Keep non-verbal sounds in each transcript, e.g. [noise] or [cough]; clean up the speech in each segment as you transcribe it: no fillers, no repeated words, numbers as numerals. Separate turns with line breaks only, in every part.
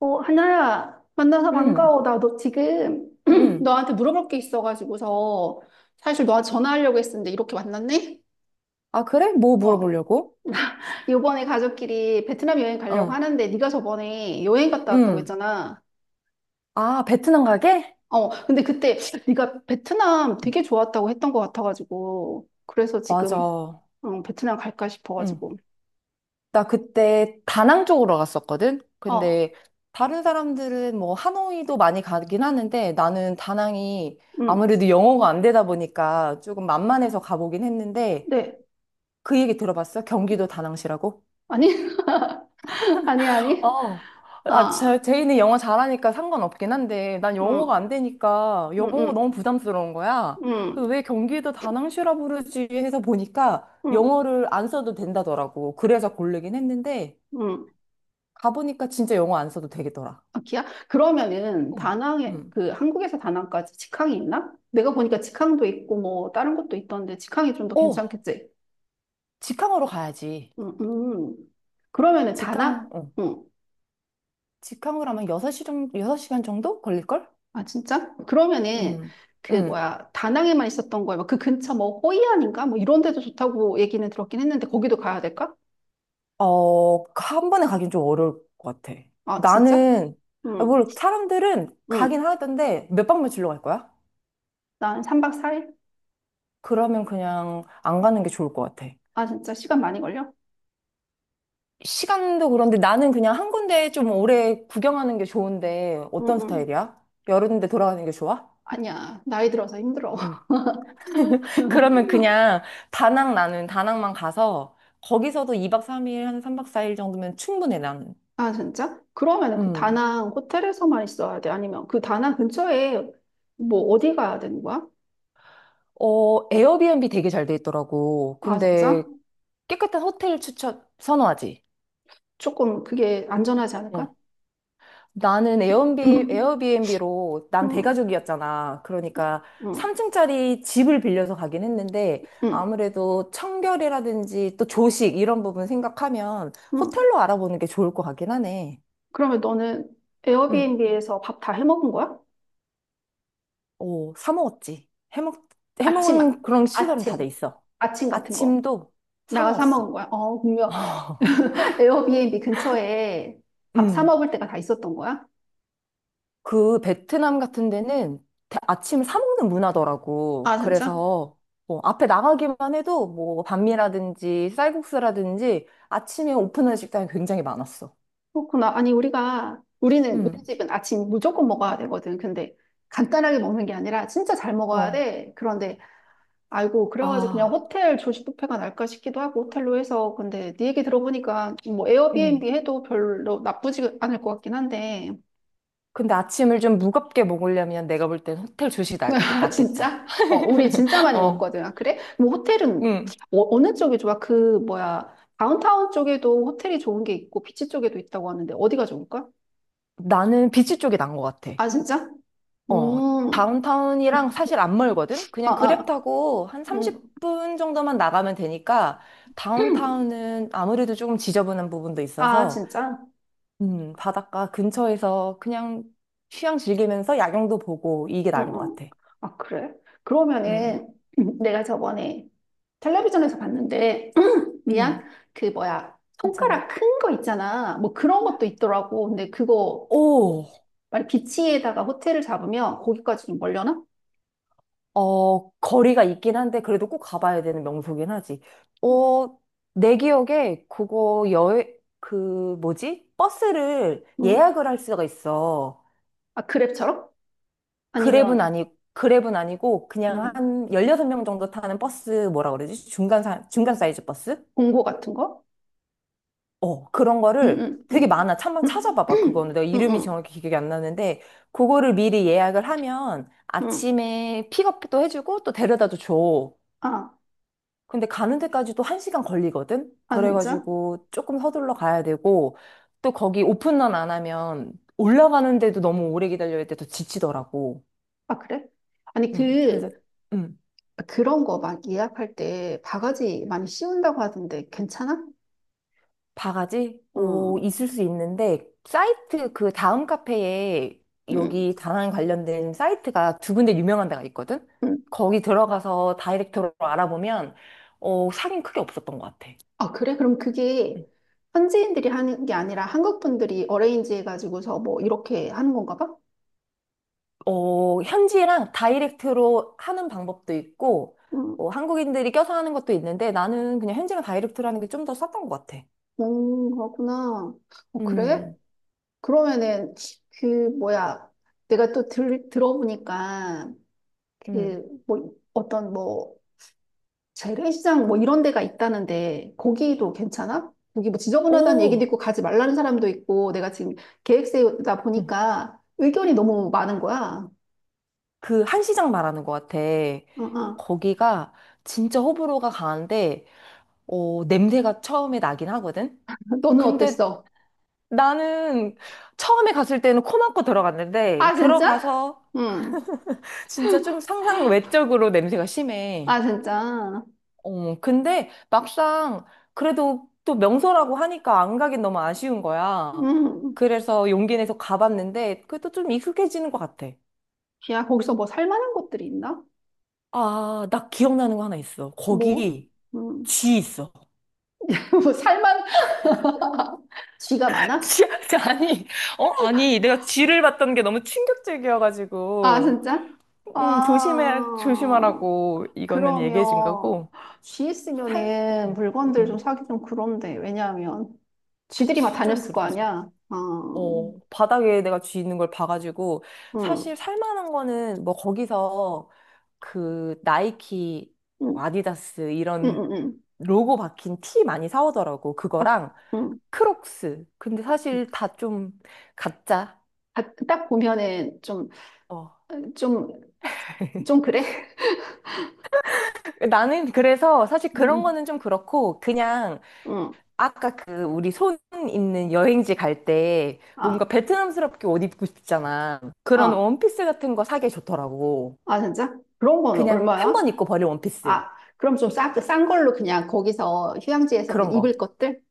어, 하나야, 만나서
음,
반가워. 나 너 지금 [clears throat]
음.
너한테 물어볼 게 있어가지고서 사실 너한테 전화하려고 했었는데 이렇게 만났네?
아, 그래? 뭐
어.
물어보려고?
[laughs] 이번에 가족끼리 베트남 여행 가려고
어,
하는데 네가 저번에 여행 갔다 왔다고
음.
했잖아.
아, 베트남 가게?
어, 근데 그때 네가 베트남 되게 좋았다고 했던 것 같아가지고 그래서 지금
맞아.
베트남 갈까
응.
싶어가지고.
나 그때 다낭 쪽으로 갔었거든?
어,
근데 다른 사람들은 뭐 하노이도 많이 가긴 하는데 나는 다낭이
응,
아무래도 영어가 안 되다 보니까 조금 만만해서 가보긴 했는데
네.
그 얘기 들어봤어? 경기도 다낭시라고?
아니, [laughs] 아니, 아니.
어. 아,
아,
제인이 영어 잘하니까 상관없긴 한데, 난 영어가
응,
안 되니까
응,
영어가
응,
너무 부담스러운 거야. 그래서
응,
왜 경기도 다낭슈라 부르지 해서 보니까
응,
영어를 안 써도 된다더라고. 그래서 고르긴 했는데,
응.
가보니까 진짜 영어 안 써도 되겠더라.
아, 기아? 그러면은
어.
다낭에
음.
그 한국에서 다낭까지 직항이 있나? 내가 보니까 직항도 있고 뭐 다른 것도 있던데 직항이 좀 더
어,
괜찮겠지?
직항으로 가야지.
음, 음. 그러면은
직항,
다낭?
어.
응.
직항으로 하면 6시 정도, 여섯 시간 정도 걸릴걸?
아 진짜? 그러면은
음.
그
음.
뭐야, 다낭에만 있었던 거야? 뭐 그 근처 뭐 호이안인가? 뭐 이런 데도 좋다고 얘기는 들었긴 했는데 거기도 가야 될까?
어, 그 한 번에 가긴 좀 어려울 것 같아.
아 진짜?
나는, 아,
응.
뭘, 사람들은
응.
가긴 하던데 몇 박 며칠로 갈 거야?
난 3박 4일?
그러면 그냥 안 가는 게 좋을 것 같아.
아 진짜 시간 많이 걸려?
시간도 그런데 나는 그냥 한 군데 좀 오래 구경하는 게 좋은데
응,
어떤
응.
스타일이야? 여러 군데 돌아가는 게 좋아?
아니야. 나이 들어서 힘들어.
응. [laughs]
[laughs]
그러면 그냥 다낭 나는 다낭만 가서 거기서도 2박 3일 한 3박 4일 정도면 충분해 나는.
아, 진짜? 그러면 그
음.
다낭 호텔에서만 있어야 돼? 아니면 그 다낭 근처에 뭐 어디 가야 되는 거야?
어, 에어비앤비 되게 잘 돼 있더라고.
아,
근데
진짜?
깨끗한 호텔 추천 선호하지.
조금 그게 안전하지 않을까?
어. 나는
응,
에어비앤비로 난
응,
대가족이었잖아. 그러니까
응,
3층짜리 집을 빌려서 가긴 했는데
응.
아무래도 청결이라든지 또 조식 이런 부분 생각하면
응.
호텔로 알아보는 게 좋을 것 같긴 하네.
그러면 너는
응.
에어비앤비에서 밥 다 해 먹은 거야?
오, 사 먹었지. 해먹은
아침만.
그런 시설은 다
아침.
돼 있어.
아침 같은 거.
아침도 사
나가서 사
먹었어.
먹은 거야? 어, 분명
[laughs]
[laughs] 에어비앤비 근처에 밥 사
응.
먹을 때가 다 있었던 거야?
그 베트남 같은 데는 아침을 사 먹는 문화더라고.
아, 진짜?
그래서 뭐 앞에 나가기만 해도 뭐 반미라든지 쌀국수라든지 아침에 오픈하는 식당이 굉장히 많았어.
그렇구나. 아니, 우리
음.
집은 아침 무조건 먹어야 되거든. 근데 간단하게 먹는 게 아니라 진짜 잘 먹어야
어.
돼. 그런데, 아이고, 그래가지고 그냥
아.
호텔 조식 뷔페가 날까 싶기도 하고, 호텔로 해서. 근데 네 얘기 들어보니까 뭐
음.
에어비앤비 해도 별로 나쁘지 않을 것 같긴 한데.
근데 아침을 좀 무겁게 먹으려면 내가 볼 땐 호텔 조식이
[laughs] 아,
낫겠다.
진짜? 어, 우리 진짜
[laughs]
많이
어.
먹거든. 아, 그래? 뭐 호텔은
음.
어, 어느 쪽이 좋아? 그, 뭐야, 다운타운 쪽에도 호텔이 좋은 게 있고, 비치 쪽에도 있다고 하는데, 어디가 좋을까?
나는 비치 쪽이 난 것 같아.
아, 진짜?
어,
음. 음.
다운타운이랑 사실 안 멀거든?
아,
그냥 그랩
아.
타고 한
음.
30분 정도만 나가면 되니까
[clears throat]
다운타운은 아무래도 조금 지저분한 부분도
아,
있어서
진짜?
바닷가 근처에서 그냥 휴양 즐기면서 야경도 보고 이게
응,
나은 것
응.
같아.
아, 그래?
음,
그러면은 [clears throat] 내가 저번에 텔레비전에서 봤는데, [clears throat]
음,
미안, 그 뭐야, 손가락
괜찮아.
큰 거 있잖아. 뭐 그런 것도 있더라고. 근데 그거,
오,
만약 비치에다가 호텔을 잡으면 거기까지 좀 멀려나?
어, 거리가 있긴 한데 그래도 꼭 가봐야 되는 명소긴 하지. 어, 내 기억에 그 뭐지? 버스를
응.
예약을 할 수가 있어.
아, 그랩처럼?
그랩은
아니면,
아니, 그랩은 아니고, 그냥
음,
한 16명 정도 타는 버스, 뭐라 그러지? 중간 사이즈 버스?
공고 같은 거?
어, 그런
응,
거를
응,
되게
응.
많아. 한번 찾아봐봐, 그거는.
[clears throat]
내가
응, 응,
이름이
응.
정확히 기억이 안 나는데, 그거를 미리 예약을 하면
응.
아침에 픽업도 해주고 또 데려다도 줘.
아,
근데 가는 데까지도 한시간 걸리거든?
아, 진짜?
그래가지고 조금 서둘러 가야 되고, 또 거기 오픈런 안 하면 올라가는데도 너무 오래 기다려야 돼. 더 지치더라고.
아, 그래? 아니,
그래서.
그,
음.
그런 거 막 예약할 때 바가지 많이 씌운다고 하던데 괜찮아?
바가지? 오,
응.
있을 수 있는데, 그 다음 카페에
응,
여기 다낭 관련된 사이트가 두 군데 유명한 데가 있거든?
응.
거기 들어가서 다이렉트로 알아보면, 어, 사기는 크게 없었던 것 같아.
아, 그래? 그럼 그게
응.
현지인들이 하는 게 아니라 한국 분들이 어레인지 해가지고서 뭐 이렇게 하는 건가 봐?
어, 현지랑 다이렉트로 하는 방법도 있고,
응,
어, 한국인들이 껴서 하는 것도 있는데, 나는 그냥 현지랑 다이렉트로 하는 게 좀 더 쌌던 것 같아.
그렇구나. 어, 그래?
음,
그러면은 그 뭐야? 내가 또 들어보니까
음.
그 뭐 어떤 뭐 재래시장 뭐 이런 데가 있다는데 거기도 괜찮아? 거기 뭐 지저분하다는 얘기도
오,
있고 가지 말라는 사람도 있고 내가 지금 계획 세우다 보니까 의견이 너무 많은 거야.
그 한시장 말하는 것 같아.
어, 어.
거기가 진짜 호불호가 강한데, 어, 냄새가 처음에 나긴 하거든?
너는
근데
어땠어?
나는 처음에 갔을 때는 코 막고 들어갔는데,
아 진짜?
들어가서
응.
진짜 좀 상상 외적으로 냄새가 심해.
아 진짜.
어, 근데 막상 그래도 또 명소라고 하니까 안 가긴 너무 아쉬운 거야.
응.
그래서 용기 내서 가봤는데, 그래도 좀 익숙해지는 것 같아.
야 거기서 뭐 살만한 것들이 있나?
아, 나 기억나는 거 하나 있어.
뭐?
거기
응.
쥐 있어.
[laughs] 뭐 살만 쥐가
[laughs]
많아?
지, 아니, 어? 아니, 내가 쥐를 봤던 게 너무
아
충격적이어가지고,
진짜? 아
조심하라고, 이거는
그러면
얘기해준 거고,
쥐
살,
있으면은
음,
물건들 좀
음,
사기 좀 그런데 왜냐하면 쥐들이 막
그치, 좀
다녔을 거
그렇지.
아니야. 아,
어, 바닥에 내가 쥐 있는 걸 봐가지고,
음,
사실 살만한 거는 뭐 거기서 그 나이키, 뭐
음,
아디다스
음,
이런
음.
로고 박힌 티 많이 사오더라고,
아,
그거랑
음.
크록스. 근데 사실 다 좀 가짜.
아, 딱 보면은 좀,
어.
좀,
[laughs]
좀 그래?
나는 그래서 사실 그런
음,
거는 좀 그렇고 그냥
음.
아까 그 우리 손 있는 여행지 갈 때 뭔가
아,
베트남스럽게 옷 입고 싶잖아.
아,
그런
어,
원피스 같은 거 사기 좋더라고.
아, 진짜? 그런 건
그냥 한
얼마야?
번 입고 버릴 원피스.
아, 그럼 싼 걸로 그냥 거기서 휴양지에서 그냥
그런
입을
거.
것들?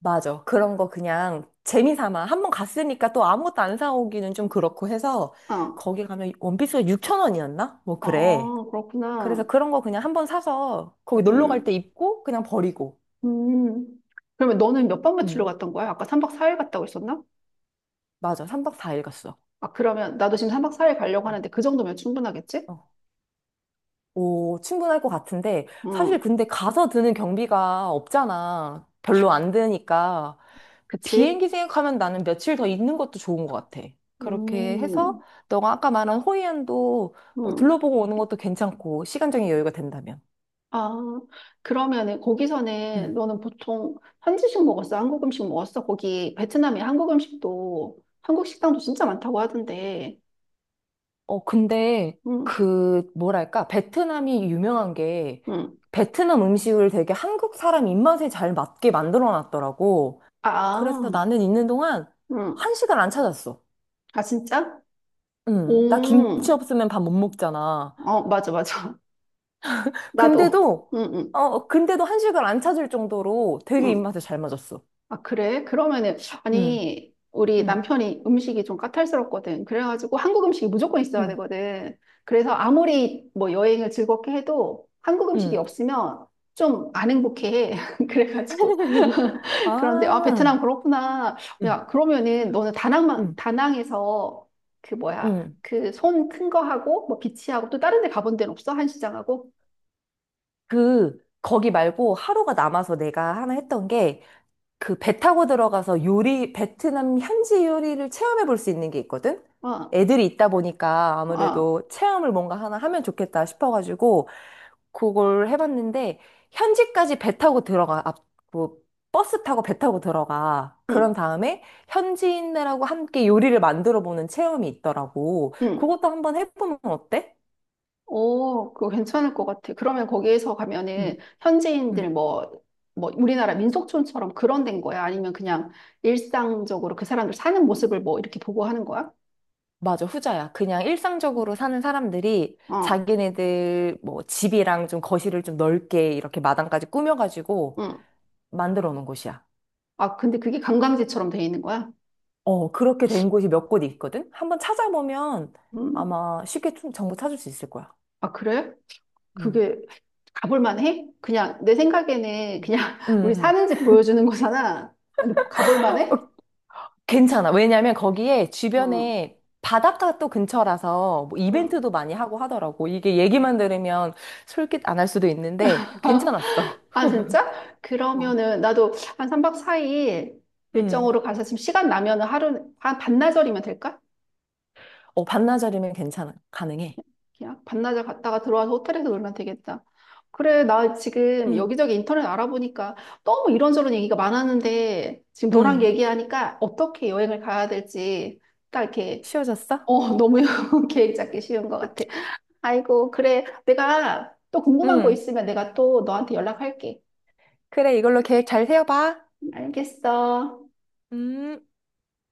맞아. 그런 거 그냥 재미 삼아. 한 번 갔으니까 또 아무것도 안 사오기는 좀 그렇고 해서
어,
거기 가면 원피스가 6천 원이었나? 뭐 그래.
아,
그래서
그렇구나.
그런 거 그냥 한번 사서 거기 놀러 갈 때
응.
입고 그냥 버리고.
음. 그러면 너는 몇 박 며칠로
음,
갔던 거야? 아까 3박 4일 갔다고 했었나?
맞아. 3박 4일 갔어.
아, 그러면 나도 지금 3박 4일 가려고
음.
하는데 그 정도면 충분하겠지?
어, 오, 충분할 것 같은데, 사실
음,
근데 가서 드는 경비가 없잖아. 별로 안 드니까.
그치?
비행기 생각하면 나는 며칠 더 있는 것도 좋은 것 같아. 그렇게 해서,
음,
너가 아까 말한 호이안도 뭐
음.
둘러보고 오는 것도 괜찮고, 시간적인 여유가 된다면.
아, 그러면은 거기서는
음.
너는 보통 현지식 먹었어? 한국 음식 먹었어? 거기 베트남에 한국 음식도, 한국 식당도 진짜 많다고 하던데.
어, 근데
음,
그, 뭐랄까, 베트남이 유명한 게,
음.
베트남 음식을 되게 한국 사람 입맛에 잘 맞게 만들어 놨더라고.
아,
그래서 나는 있는 동안
음.
한식을 안 찾았어.
아, 진짜?
응, 나
오,
김치 없으면 밥 못 먹잖아.
어, 맞아, 맞아. [laughs] 나도.
근데도,
응, 응.
어, 근데도 한식을 안 찾을 정도로 되게
응.
입맛에 잘 맞았어.
아, 그래? 그러면은,
응,
아니, 우리
응,
남편이 음식이 좀 까탈스럽거든. 그래가지고 한국 음식이 무조건 있어야
응,
되거든. 그래서 아무리 뭐 여행을 즐겁게 해도 한국 음식이
응.
없으면 좀 안 행복해. [laughs] 그래가지고.
[laughs]
[laughs] 그런데, 아,
아,
베트남 그렇구나.
응,
야, 그러면은 너는
응,
다낭에서 그 뭐야,
응.
그 손 큰 거 하고, 뭐 비치하고 또 다른 데 가본 데는 없어? 한시장하고?
그, 거기 말고 하루가 남아서 내가 하나 했던 게, 그 배 타고 들어가서 요리, 베트남 현지 요리를 체험해 볼 수 있는 게 있거든?
어,
애들이 있다 보니까
어,
아무래도 체험을 뭔가 하나 하면 좋겠다 싶어가지고, 그걸 해봤는데 현지까지 배 타고 들어가 앞, 뭐 버스 타고 배 타고 들어가 그런
응,
다음에 현지인들하고 함께 요리를 만들어 보는 체험이 있더라고
응.
그것도 한번 해보면 어때?
오, 그거 괜찮을 것 같아. 그러면 거기에서 가면은
음,
현지인들
음,
뭐, 뭐 우리나라 민속촌처럼 그런 데인 거야? 아니면 그냥 일상적으로 그 사람들 사는 모습을 뭐 이렇게 보고 하는 거야?
맞아, 후자야. 그냥 일상적으로 사는 사람들이
어,
자기네들 뭐 집이랑 좀 거실을 좀 넓게 이렇게 마당까지 꾸며가지고
응.
만들어 놓은 곳이야.
아, 근데 그게 관광지처럼 돼 있는 거야?
어, 그렇게 된 곳이 몇 곳이 있거든? 한번 찾아보면
음.
아마 쉽게 좀 정보 찾을 수 있을 거야.
아, 그래?
음.
그게 가볼 만해? 그냥 내 생각에는 그냥 [laughs] 우리
응,
사는 집 보여주는 거잖아. 근데 가볼 만해?
괜찮아. 왜냐면 거기에
어,
주변에 바닷가 또 근처라서 뭐 이벤트도
응.
많이 하고 하더라고. 이게 얘기만 들으면 솔깃 안 할 수도 있는데 괜찮았어.
[laughs] 아, 진짜?
어.
그러면은 나도 한 3박 4일
[laughs] 음.
일정으로 가서 지금 시간 나면은 하루, 한 반나절이면 될까?
어, 반나절이면 괜찮아. 가능해.
그냥 반나절 갔다가 들어와서 호텔에서 놀면 되겠다. 그래, 나 지금
음.
여기저기 인터넷 알아보니까 너무 이런저런 얘기가 많았는데 지금 너랑
음.
얘기하니까 어떻게 여행을 가야 될지 딱 이렇게,
쉬워졌어?
어, 너무 [laughs] 계획 잡기 쉬운 것 같아. 아이고, 그래. 내가 또 궁금한 거
음.
있으면 내가 또 너한테 연락할게.
그래, 이걸로 계획 잘 세워봐.
알겠어.
음.